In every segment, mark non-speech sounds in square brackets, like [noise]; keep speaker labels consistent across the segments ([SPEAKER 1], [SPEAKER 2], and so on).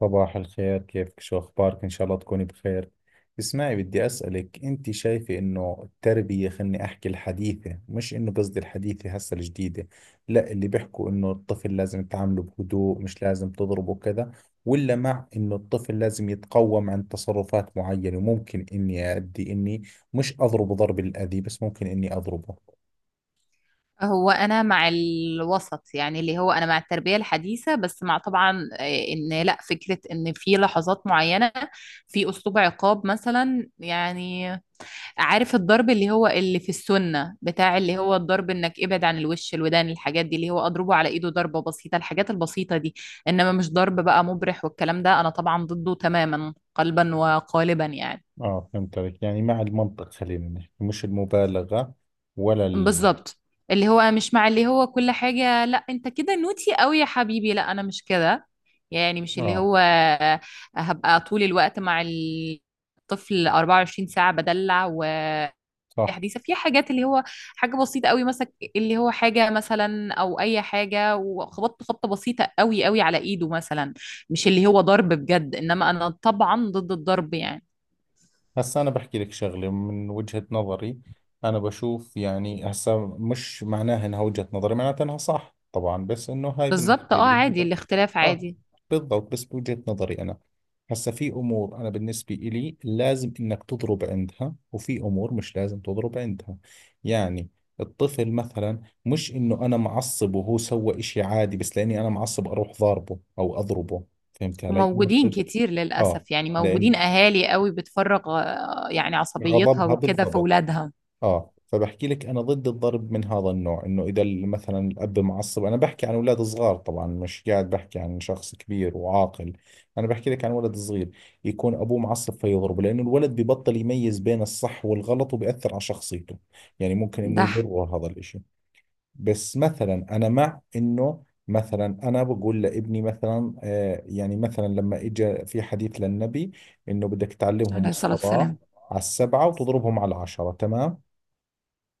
[SPEAKER 1] صباح الخير، كيفك؟ شو أخبارك؟ إن شاء الله تكوني بخير. اسمعي، بدي أسألك، أنت شايفة إنه التربية، خلني أحكي الحديثة، مش إنه قصدي الحديثة هسه الجديدة، لا، اللي بيحكوا إنه الطفل لازم تعامله بهدوء، مش لازم تضربه كذا، ولا مع إنه الطفل لازم يتقوم عن تصرفات معينة، وممكن إني مش أضربه ضرب الأذى، بس ممكن إني أضربه.
[SPEAKER 2] هو انا مع الوسط، يعني اللي هو انا مع التربيه الحديثه، بس مع طبعا ان لا فكره ان في لحظات معينه في اسلوب عقاب مثلا يعني. عارف الضرب اللي هو اللي في السنه بتاع اللي هو الضرب انك ابعد عن الوش الودان، الحاجات دي اللي هو اضربه على ايده ضربه بسيطه، الحاجات البسيطه دي. انما مش ضرب بقى مبرح، والكلام ده انا طبعا ضده تماما قلبا وقالبا يعني.
[SPEAKER 1] آه، فهمت عليك، يعني مع المنطق خلينا نحكي، مش المبالغة، ولا
[SPEAKER 2] بالظبط، اللي هو مش مع اللي هو كل حاجة. لا انت كده نوتي قوي يا حبيبي، لا انا مش كده يعني. مش اللي
[SPEAKER 1] آه،
[SPEAKER 2] هو هبقى طول الوقت مع الطفل 24 ساعة بدلع
[SPEAKER 1] صح.
[SPEAKER 2] وحديثة في حاجات اللي هو حاجة بسيطة قوي مثلا. اللي هو حاجة مثلا او اي حاجة وخبطت خبطة بسيطة قوي قوي على ايده مثلا، مش اللي هو ضرب بجد. انما انا طبعا ضد الضرب يعني.
[SPEAKER 1] هسا أنا بحكي لك شغلة من وجهة نظري. أنا بشوف، يعني هسا مش معناها إنها وجهة نظري معناتها إنها صح طبعا، بس إنه هاي
[SPEAKER 2] بالظبط،
[SPEAKER 1] بالنسبة
[SPEAKER 2] اه
[SPEAKER 1] لي
[SPEAKER 2] عادي، الاختلاف
[SPEAKER 1] آه،
[SPEAKER 2] عادي.
[SPEAKER 1] بالضبط، بس بوجهة نظري أنا. هسا في أمور أنا بالنسبة إلي لازم إنك تضرب عندها، وفي أمور مش لازم تضرب عندها. يعني الطفل مثلا، مش إنه أنا معصب وهو سوى إشي عادي بس لأني أنا معصب أروح ضاربه أو أضربه. فهمت علي؟
[SPEAKER 2] وموجودين كتير
[SPEAKER 1] آه،
[SPEAKER 2] للأسف يعني،
[SPEAKER 1] لأن
[SPEAKER 2] موجودين أهالي قوي بتفرغ يعني عصبيتها
[SPEAKER 1] غضبها
[SPEAKER 2] وكده في
[SPEAKER 1] بالضبط.
[SPEAKER 2] ولادها.
[SPEAKER 1] اه، فبحكي لك انا ضد الضرب من هذا النوع، انه اذا مثلا الاب معصب، انا بحكي عن اولاد صغار طبعا، مش قاعد بحكي عن شخص كبير وعاقل، انا بحكي لك عن ولد صغير، يكون ابوه معصب فيضربه، لانه الولد ببطل يميز بين الصح والغلط، وبأثر على شخصيته، يعني ممكن انه
[SPEAKER 2] ده ح-
[SPEAKER 1] يضره هذا الاشي. بس مثلا انا مع انه، مثلا انا بقول لابني مثلا، آه يعني مثلا لما اجى في حديث للنبي انه بدك تعلمهم
[SPEAKER 2] عليه الصلاة
[SPEAKER 1] الصلاة
[SPEAKER 2] والسلام.
[SPEAKER 1] على ال7 وتضربهم على ال10، تمام؟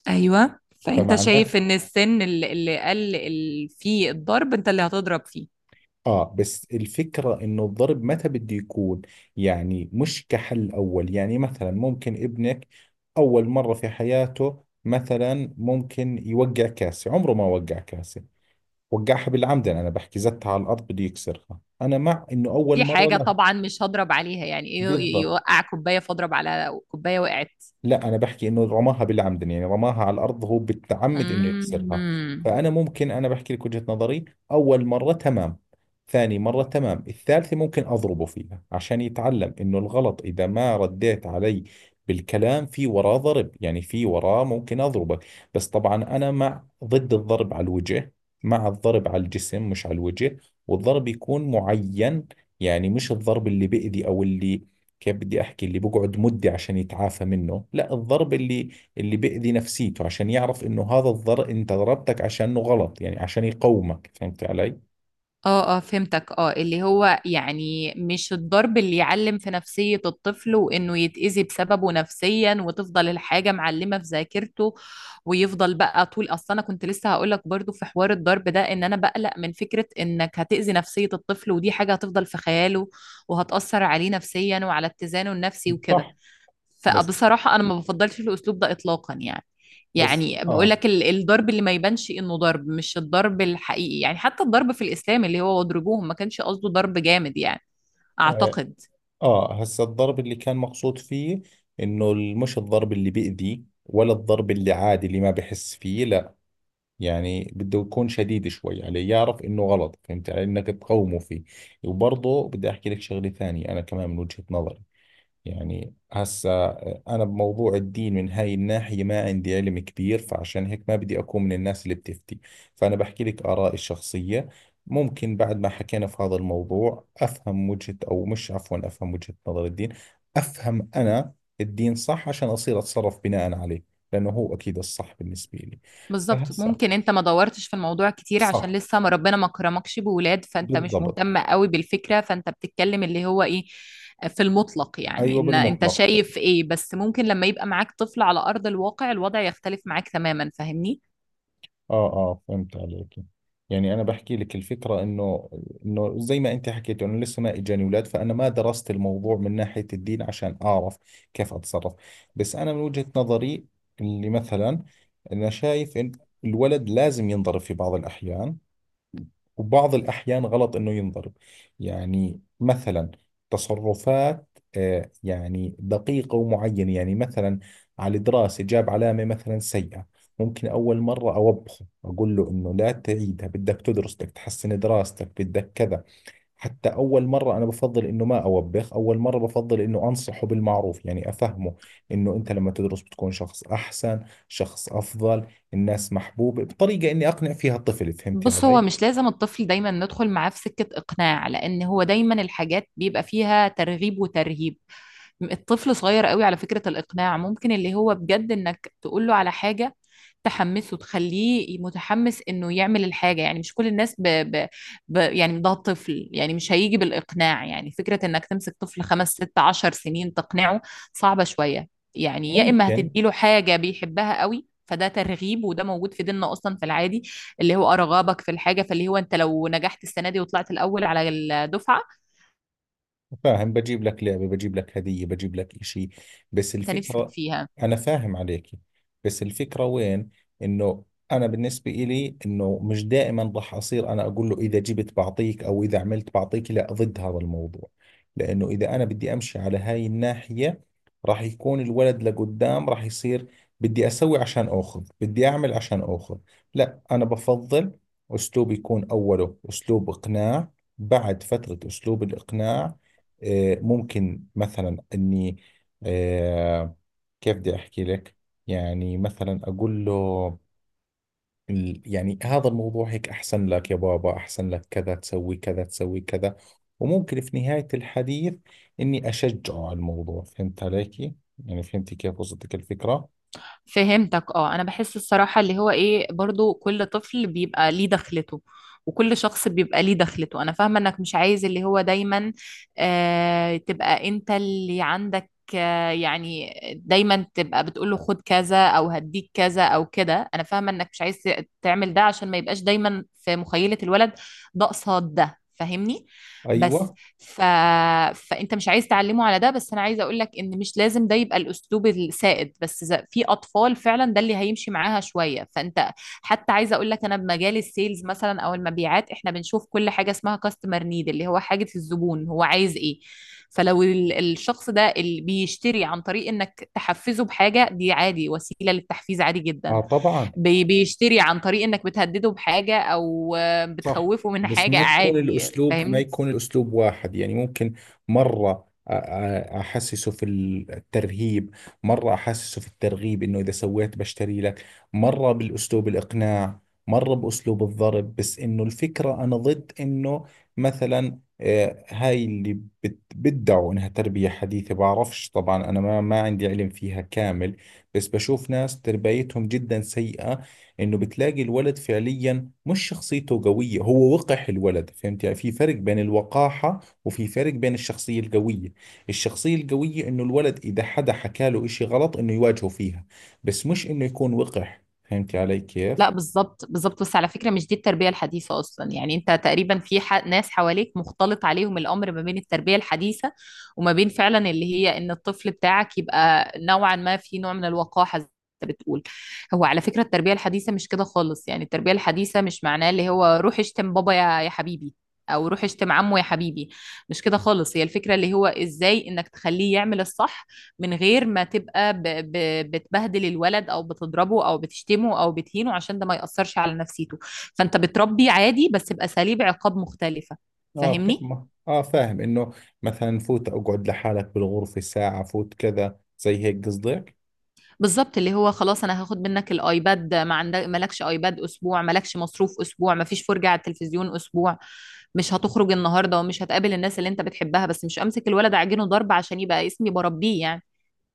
[SPEAKER 2] أيوة، فأنت
[SPEAKER 1] فمعناه،
[SPEAKER 2] شايف إن السن اللي فيه الضرب أنت اللي هتضرب فيه.
[SPEAKER 1] اه، بس الفكرة انه الضرب متى بده يكون، يعني مش كحل اول. يعني مثلا ممكن ابنك اول مرة في حياته مثلا ممكن يوقع كاسة، عمره ما وقع كاسة، وقعها بالعمد، انا بحكي زتها على الارض بده يكسرها، انا مع انه اول
[SPEAKER 2] دي
[SPEAKER 1] مرة
[SPEAKER 2] حاجة
[SPEAKER 1] لا.
[SPEAKER 2] طبعا مش هضرب عليها، يعني إيه
[SPEAKER 1] بالضبط.
[SPEAKER 2] يوقع كوباية فاضرب على كوباية وقعت؟
[SPEAKER 1] لا انا بحكي انه رماها بالعمد، يعني رماها على الارض هو بالتعمد انه يكسرها.
[SPEAKER 2] امم.
[SPEAKER 1] فانا ممكن، انا بحكي لك وجهة نظري، اول مرة تمام، ثاني مرة تمام، الثالثة ممكن اضربه فيها عشان يتعلم انه الغلط، اذا ما رديت علي بالكلام في وراه ضرب، يعني في وراه ممكن اضربك. بس طبعا انا ضد الضرب على الوجه، مع الضرب على الجسم مش على الوجه، والضرب يكون معين، يعني مش الضرب اللي بيأذي او اللي، كيف بدي احكي، اللي بقعد مده عشان يتعافى منه، لا، الضرب اللي بيأذي نفسيته، عشان يعرف انه هذا الضرب انت ضربتك عشانه غلط، يعني عشان يقومك. فهمت علي؟
[SPEAKER 2] اه اه، فهمتك اه. اللي هو يعني مش الضرب اللي يعلم في نفسية الطفل وانه يتأذي بسببه نفسيا، وتفضل الحاجة معلمة في ذاكرته ويفضل بقى طول. اصلا انا كنت لسه هقول لك برضو في حوار الضرب ده ان انا بقلق من فكرة انك هتأذي نفسية الطفل، ودي حاجة هتفضل في خياله وهتأثر عليه نفسيا وعلى اتزانه النفسي وكده.
[SPEAKER 1] صح. بس
[SPEAKER 2] فبصراحة أنا ما بفضلش الأسلوب ده إطلاقا يعني.
[SPEAKER 1] بس
[SPEAKER 2] يعني بقول
[SPEAKER 1] اه،
[SPEAKER 2] لك الضرب اللي ما يبانش إنه ضرب، مش الضرب الحقيقي، يعني حتى الضرب في الإسلام اللي هو واضربوهم ما كانش قصده ضرب جامد يعني،
[SPEAKER 1] اه،
[SPEAKER 2] أعتقد.
[SPEAKER 1] هسا الضرب اللي كان مقصود فيه انه مش الضرب اللي بيأذي، ولا الضرب اللي عادي اللي ما بحس فيه، لا، يعني بده يكون شديد شوي عليه، يعرف انه غلط، فهمت علي، انك تقومه فيه. وبرضه بدي احكي لك شغلة ثانية انا كمان من وجهة نظري. يعني هسا أنا بموضوع الدين من هاي الناحية ما عندي علم كبير، فعشان هيك ما بدي أكون من الناس اللي بتفتي، فأنا بحكي لك آرائي الشخصية. ممكن بعد ما حكينا في هذا الموضوع أفهم وجهة، أو مش، عفوا، أفهم وجهة نظر الدين، أفهم أنا الدين صح، عشان أصير أتصرف بناء عليه، لأنه هو أكيد الصح بالنسبة لي.
[SPEAKER 2] بالظبط،
[SPEAKER 1] فهسا،
[SPEAKER 2] ممكن أنت ما دورتش في الموضوع كتير عشان
[SPEAKER 1] صح،
[SPEAKER 2] لسه ما ربنا ما كرمكش بولاد، فأنت مش
[SPEAKER 1] بالضبط.
[SPEAKER 2] مهتم قوي بالفكرة، فأنت بتتكلم اللي هو إيه في المطلق، يعني
[SPEAKER 1] أيوة،
[SPEAKER 2] إن أنت
[SPEAKER 1] بالمطلق.
[SPEAKER 2] شايف إيه. بس ممكن لما يبقى معاك طفل على أرض الواقع الوضع يختلف معاك تماما، فاهمني؟
[SPEAKER 1] اه اه، فهمت عليك. يعني انا بحكي لك الفكره، انه انه زي ما انت حكيت انه لسه ما اجاني اولاد، فانا ما درست الموضوع من ناحيه الدين عشان اعرف كيف اتصرف. بس انا من وجهه نظري اللي مثلا، انا شايف ان الولد لازم ينضرب في بعض الاحيان، وبعض الأحيان غلط إنه ينضرب. يعني مثلا تصرفات، يعني دقيقة ومعينة، يعني مثلا على دراسة جاب علامة مثلا سيئة، ممكن أول مرة أوبخه، أقول له إنه لا تعيدها، بدك تدرس، بدك تحسن دراستك، بدك كذا. حتى أول مرة أنا بفضل إنه ما أوبخ، أول مرة بفضل إنه أنصحه بالمعروف، يعني أفهمه إنه أنت لما تدرس بتكون شخص أحسن، شخص أفضل، الناس محبوبة، بطريقة إني أقنع فيها الطفل. فهمتي
[SPEAKER 2] بص، هو
[SPEAKER 1] علي؟
[SPEAKER 2] مش لازم الطفل دايما ندخل معاه في سكة إقناع، لأن هو دايما الحاجات بيبقى فيها ترغيب وترهيب. الطفل صغير قوي، على فكرة الإقناع ممكن اللي هو بجد إنك تقوله على حاجة تحمسه، تخليه متحمس إنه يعمل الحاجة، يعني مش كل الناس يعني ده طفل يعني مش هيجي بالإقناع. يعني فكرة إنك تمسك طفل خمس ست عشر سنين تقنعه صعبة شوية. يعني يا إما
[SPEAKER 1] ممكن.
[SPEAKER 2] هتديله حاجة بيحبها قوي، فده ترغيب وده موجود في ديننا اصلا في العادي. اللي هو ارغبك في الحاجه، فاللي هو انت لو نجحت السنه دي وطلعت الاول على الدفعه،
[SPEAKER 1] فاهم، بجيب لك لعبة، بجيب لك هدية، بجيب لك إشي، بس
[SPEAKER 2] انت نفسك
[SPEAKER 1] الفكرة،
[SPEAKER 2] فيها.
[SPEAKER 1] أنا فاهم عليك، بس الفكرة وين، إنه أنا بالنسبة إلي إنه مش دائما راح أصير أنا أقول له إذا جبت بعطيك، أو إذا عملت بعطيك، لا، ضد هذا الموضوع. لأنه إذا أنا بدي أمشي على هاي الناحية راح يكون الولد لقدام راح يصير بدي أسوي عشان أخذ، بدي أعمل عشان أخذ. لا أنا بفضل أسلوب يكون أوله أسلوب إقناع، بعد فترة أسلوب الإقناع، ممكن مثلا اني، آه، كيف بدي احكي لك، يعني مثلا اقول له يعني هذا الموضوع هيك احسن لك يا بابا، احسن لك كذا، تسوي كذا تسوي كذا. وممكن في نهاية الحديث اني اشجعه على الموضوع. فهمت عليكي؟ يعني فهمتي كيف وصلتك الفكرة.
[SPEAKER 2] فهمتك اه، انا بحس الصراحة اللي هو ايه، برضو كل طفل بيبقى ليه دخلته وكل شخص بيبقى ليه دخلته. انا فاهمة انك مش عايز اللي هو دايما آه تبقى انت اللي عندك يعني دايما تبقى بتقول له خد كذا او هديك كذا او كده. انا فاهمه انك مش عايز تعمل ده عشان ما يبقاش دايما في مخيله الولد ده قصاد ده، فاهمني؟ بس
[SPEAKER 1] ايوه.
[SPEAKER 2] ف... فانت مش عايز تعلمه على ده. بس انا عايزه اقول لك ان مش لازم ده يبقى الاسلوب السائد، بس إذا في اطفال فعلا ده اللي هيمشي معاها شويه فانت. حتى عايزه اقول لك انا بمجال السيلز مثلا او المبيعات احنا بنشوف كل حاجه اسمها كاستمر نيد، اللي هو حاجه الزبون هو عايز ايه. فلو الشخص ده اللي بيشتري عن طريق انك تحفزه بحاجه، دي عادي، وسيله للتحفيز عادي
[SPEAKER 1] اه
[SPEAKER 2] جدا.
[SPEAKER 1] طبعا.
[SPEAKER 2] بيشتري عن طريق انك بتهدده بحاجه او
[SPEAKER 1] صح،
[SPEAKER 2] بتخوفه من
[SPEAKER 1] بس
[SPEAKER 2] حاجه،
[SPEAKER 1] ما تكون
[SPEAKER 2] عادي،
[SPEAKER 1] الأسلوب، ما
[SPEAKER 2] فاهمني؟
[SPEAKER 1] يكون الأسلوب واحد، يعني ممكن مرة أحسسه في الترهيب، مرة أحسسه في الترغيب إنه إذا سويت بشتري لك، مرة بالأسلوب الإقناع، مرة بأسلوب الضرب، بس إنه الفكرة أنا ضد إنه مثلا، هاي اللي بدعوا إنها تربية حديثة، بعرفش طبعا، أنا ما عندي علم فيها كامل، بس بشوف ناس تربيتهم جدا سيئة، إنه بتلاقي الولد فعليا مش شخصيته قوية، هو وقح الولد، فهمت يعني؟ في فرق بين الوقاحة وفي فرق بين الشخصية القوية. الشخصية القوية انه الولد اذا حدا حكى له اشي غلط انه يواجهه فيها، بس مش انه يكون وقح. فهمت علي كيف؟
[SPEAKER 2] لا بالظبط بالظبط. بس على فكرة مش دي التربية الحديثة أصلا يعني. أنت تقريبا ناس حواليك مختلط عليهم الأمر ما بين التربية الحديثة وما بين فعلا اللي هي إن الطفل بتاعك يبقى نوعا ما في نوع من الوقاحة زي ما أنت بتقول. هو على فكرة التربية الحديثة مش كده خالص، يعني التربية الحديثة مش معناه اللي هو روح اشتم بابا يا حبيبي، أو روح اشتم عمو يا حبيبي. مش كده خالص، هي الفكرة اللي هو إزاي إنك تخليه يعمل الصح من غير ما تبقى بتبهدل الولد او بتضربه او بتشتمه او بتهينه، عشان ده ما يأثرش على نفسيته. فانت بتربي عادي بس بأساليب عقاب مختلفة،
[SPEAKER 1] اه
[SPEAKER 2] فاهمني؟
[SPEAKER 1] فاهم اه فاهم انه مثلا فوت اقعد لحالك بالغرفة ساعة، فوت كذا زي هيك قصدك.
[SPEAKER 2] بالظبط، اللي هو خلاص انا هاخد منك الايباد، ما عندك مالكش ايباد اسبوع، مالكش مصروف اسبوع، ما فيش فرجة على التلفزيون اسبوع، مش هتخرج النهارده ومش هتقابل الناس اللي انت بتحبها. بس مش امسك الولد اعجنه ضرب عشان يبقى اسمي بربيه يعني.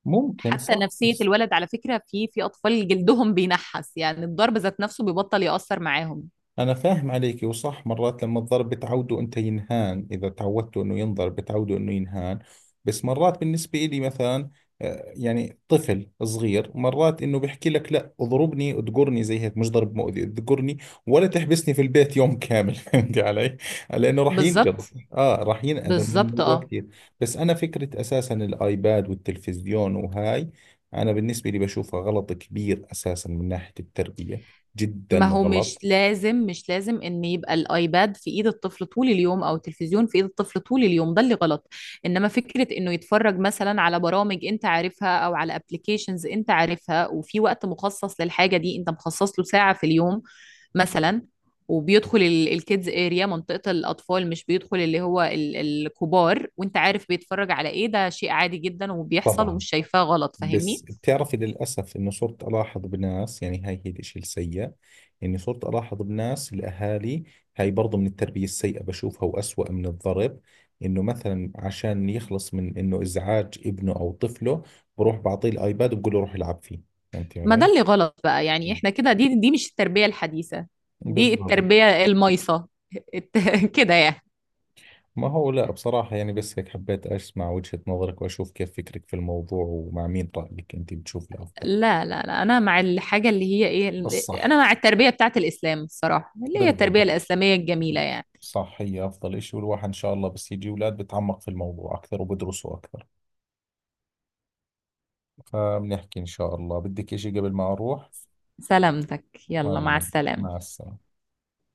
[SPEAKER 1] ممكن،
[SPEAKER 2] حتى
[SPEAKER 1] صح.
[SPEAKER 2] نفسية
[SPEAKER 1] بس
[SPEAKER 2] الولد على فكرة، في اطفال جلدهم بينحس يعني، الضرب ذات نفسه بيبطل يأثر معاهم.
[SPEAKER 1] أنا فاهم عليك، وصح، مرات لما الضرب بتعوده أنت ينهان، إذا تعودته أنه ينضرب بتعوده أنه ينهان. بس مرات بالنسبة إلي مثلا، يعني طفل صغير مرات أنه بيحكي لك لا اضربني اذقرني زي هيك، مش ضرب مؤذي، اذقرني ولا تحبسني في البيت يوم كامل [laughs] فهمتي علي؟ لأنه راح
[SPEAKER 2] بالظبط
[SPEAKER 1] ينجلط، آه راح ينأذى من
[SPEAKER 2] بالظبط
[SPEAKER 1] الموضوع
[SPEAKER 2] اه.
[SPEAKER 1] كثير. بس أنا فكرة أساسا الآيباد والتلفزيون وهاي، أنا بالنسبة لي بشوفها غلط كبير أساسا من ناحية التربية،
[SPEAKER 2] ما
[SPEAKER 1] جدا
[SPEAKER 2] هو مش
[SPEAKER 1] غلط.
[SPEAKER 2] لازم مش لازم ان يبقى الايباد في ايد الطفل طول اليوم او التلفزيون في ايد الطفل طول اليوم، ده اللي غلط. انما فكرة انه يتفرج مثلا على برامج انت عارفها او على ابلكيشنز انت عارفها، وفي وقت مخصص للحاجة دي، انت مخصص له ساعة في اليوم مثلا، وبيدخل الكيدز اريا، منطقة الأطفال، مش بيدخل اللي هو الكبار، وانت عارف بيتفرج على ايه، ده شيء عادي جدا وبيحصل
[SPEAKER 1] طبعا.
[SPEAKER 2] ومش شايفاه غلط،
[SPEAKER 1] بس
[SPEAKER 2] فاهمني؟
[SPEAKER 1] بتعرفي للأسف إنه صرت ألاحظ بناس، يعني هاي هي الإشي السيء، إني صرت ألاحظ بناس الأهالي، هاي برضو من التربية السيئة بشوفها، وأسوأ من الضرب، إنه مثلا عشان يخلص من إنه إزعاج ابنه أو طفله بروح بعطيه الآيباد وبقول له روح العب فيه. فهمتي
[SPEAKER 2] ما ده
[SPEAKER 1] علي؟
[SPEAKER 2] اللي غلط بقى يعني، احنا كده دي مش التربية الحديثة، دي
[SPEAKER 1] بالضبط.
[SPEAKER 2] التربية المايصة. [laughs] كده يعني.
[SPEAKER 1] ما هو لا بصراحة، يعني بس هيك حبيت أسمع وجهة نظرك وأشوف كيف فكرك في الموضوع ومع مين رأيك أنت بتشوف الأفضل.
[SPEAKER 2] لا انا مع الحاجة اللي هي ايه،
[SPEAKER 1] الصح
[SPEAKER 2] انا مع التربية بتاعت الاسلام الصراحة، اللي هي التربية
[SPEAKER 1] بالضبط.
[SPEAKER 2] الاسلامية الجميلة يعني.
[SPEAKER 1] صح، هي أفضل إشي، والواحد إن شاء الله بس يجي أولاد بتعمق في الموضوع أكثر وبدرسوا أكثر. فبنحكي. إن شاء الله، بدك إشي قبل ما أروح؟
[SPEAKER 2] سلامتك، يلا مع
[SPEAKER 1] الله. مع
[SPEAKER 2] السلامة.
[SPEAKER 1] السلامة.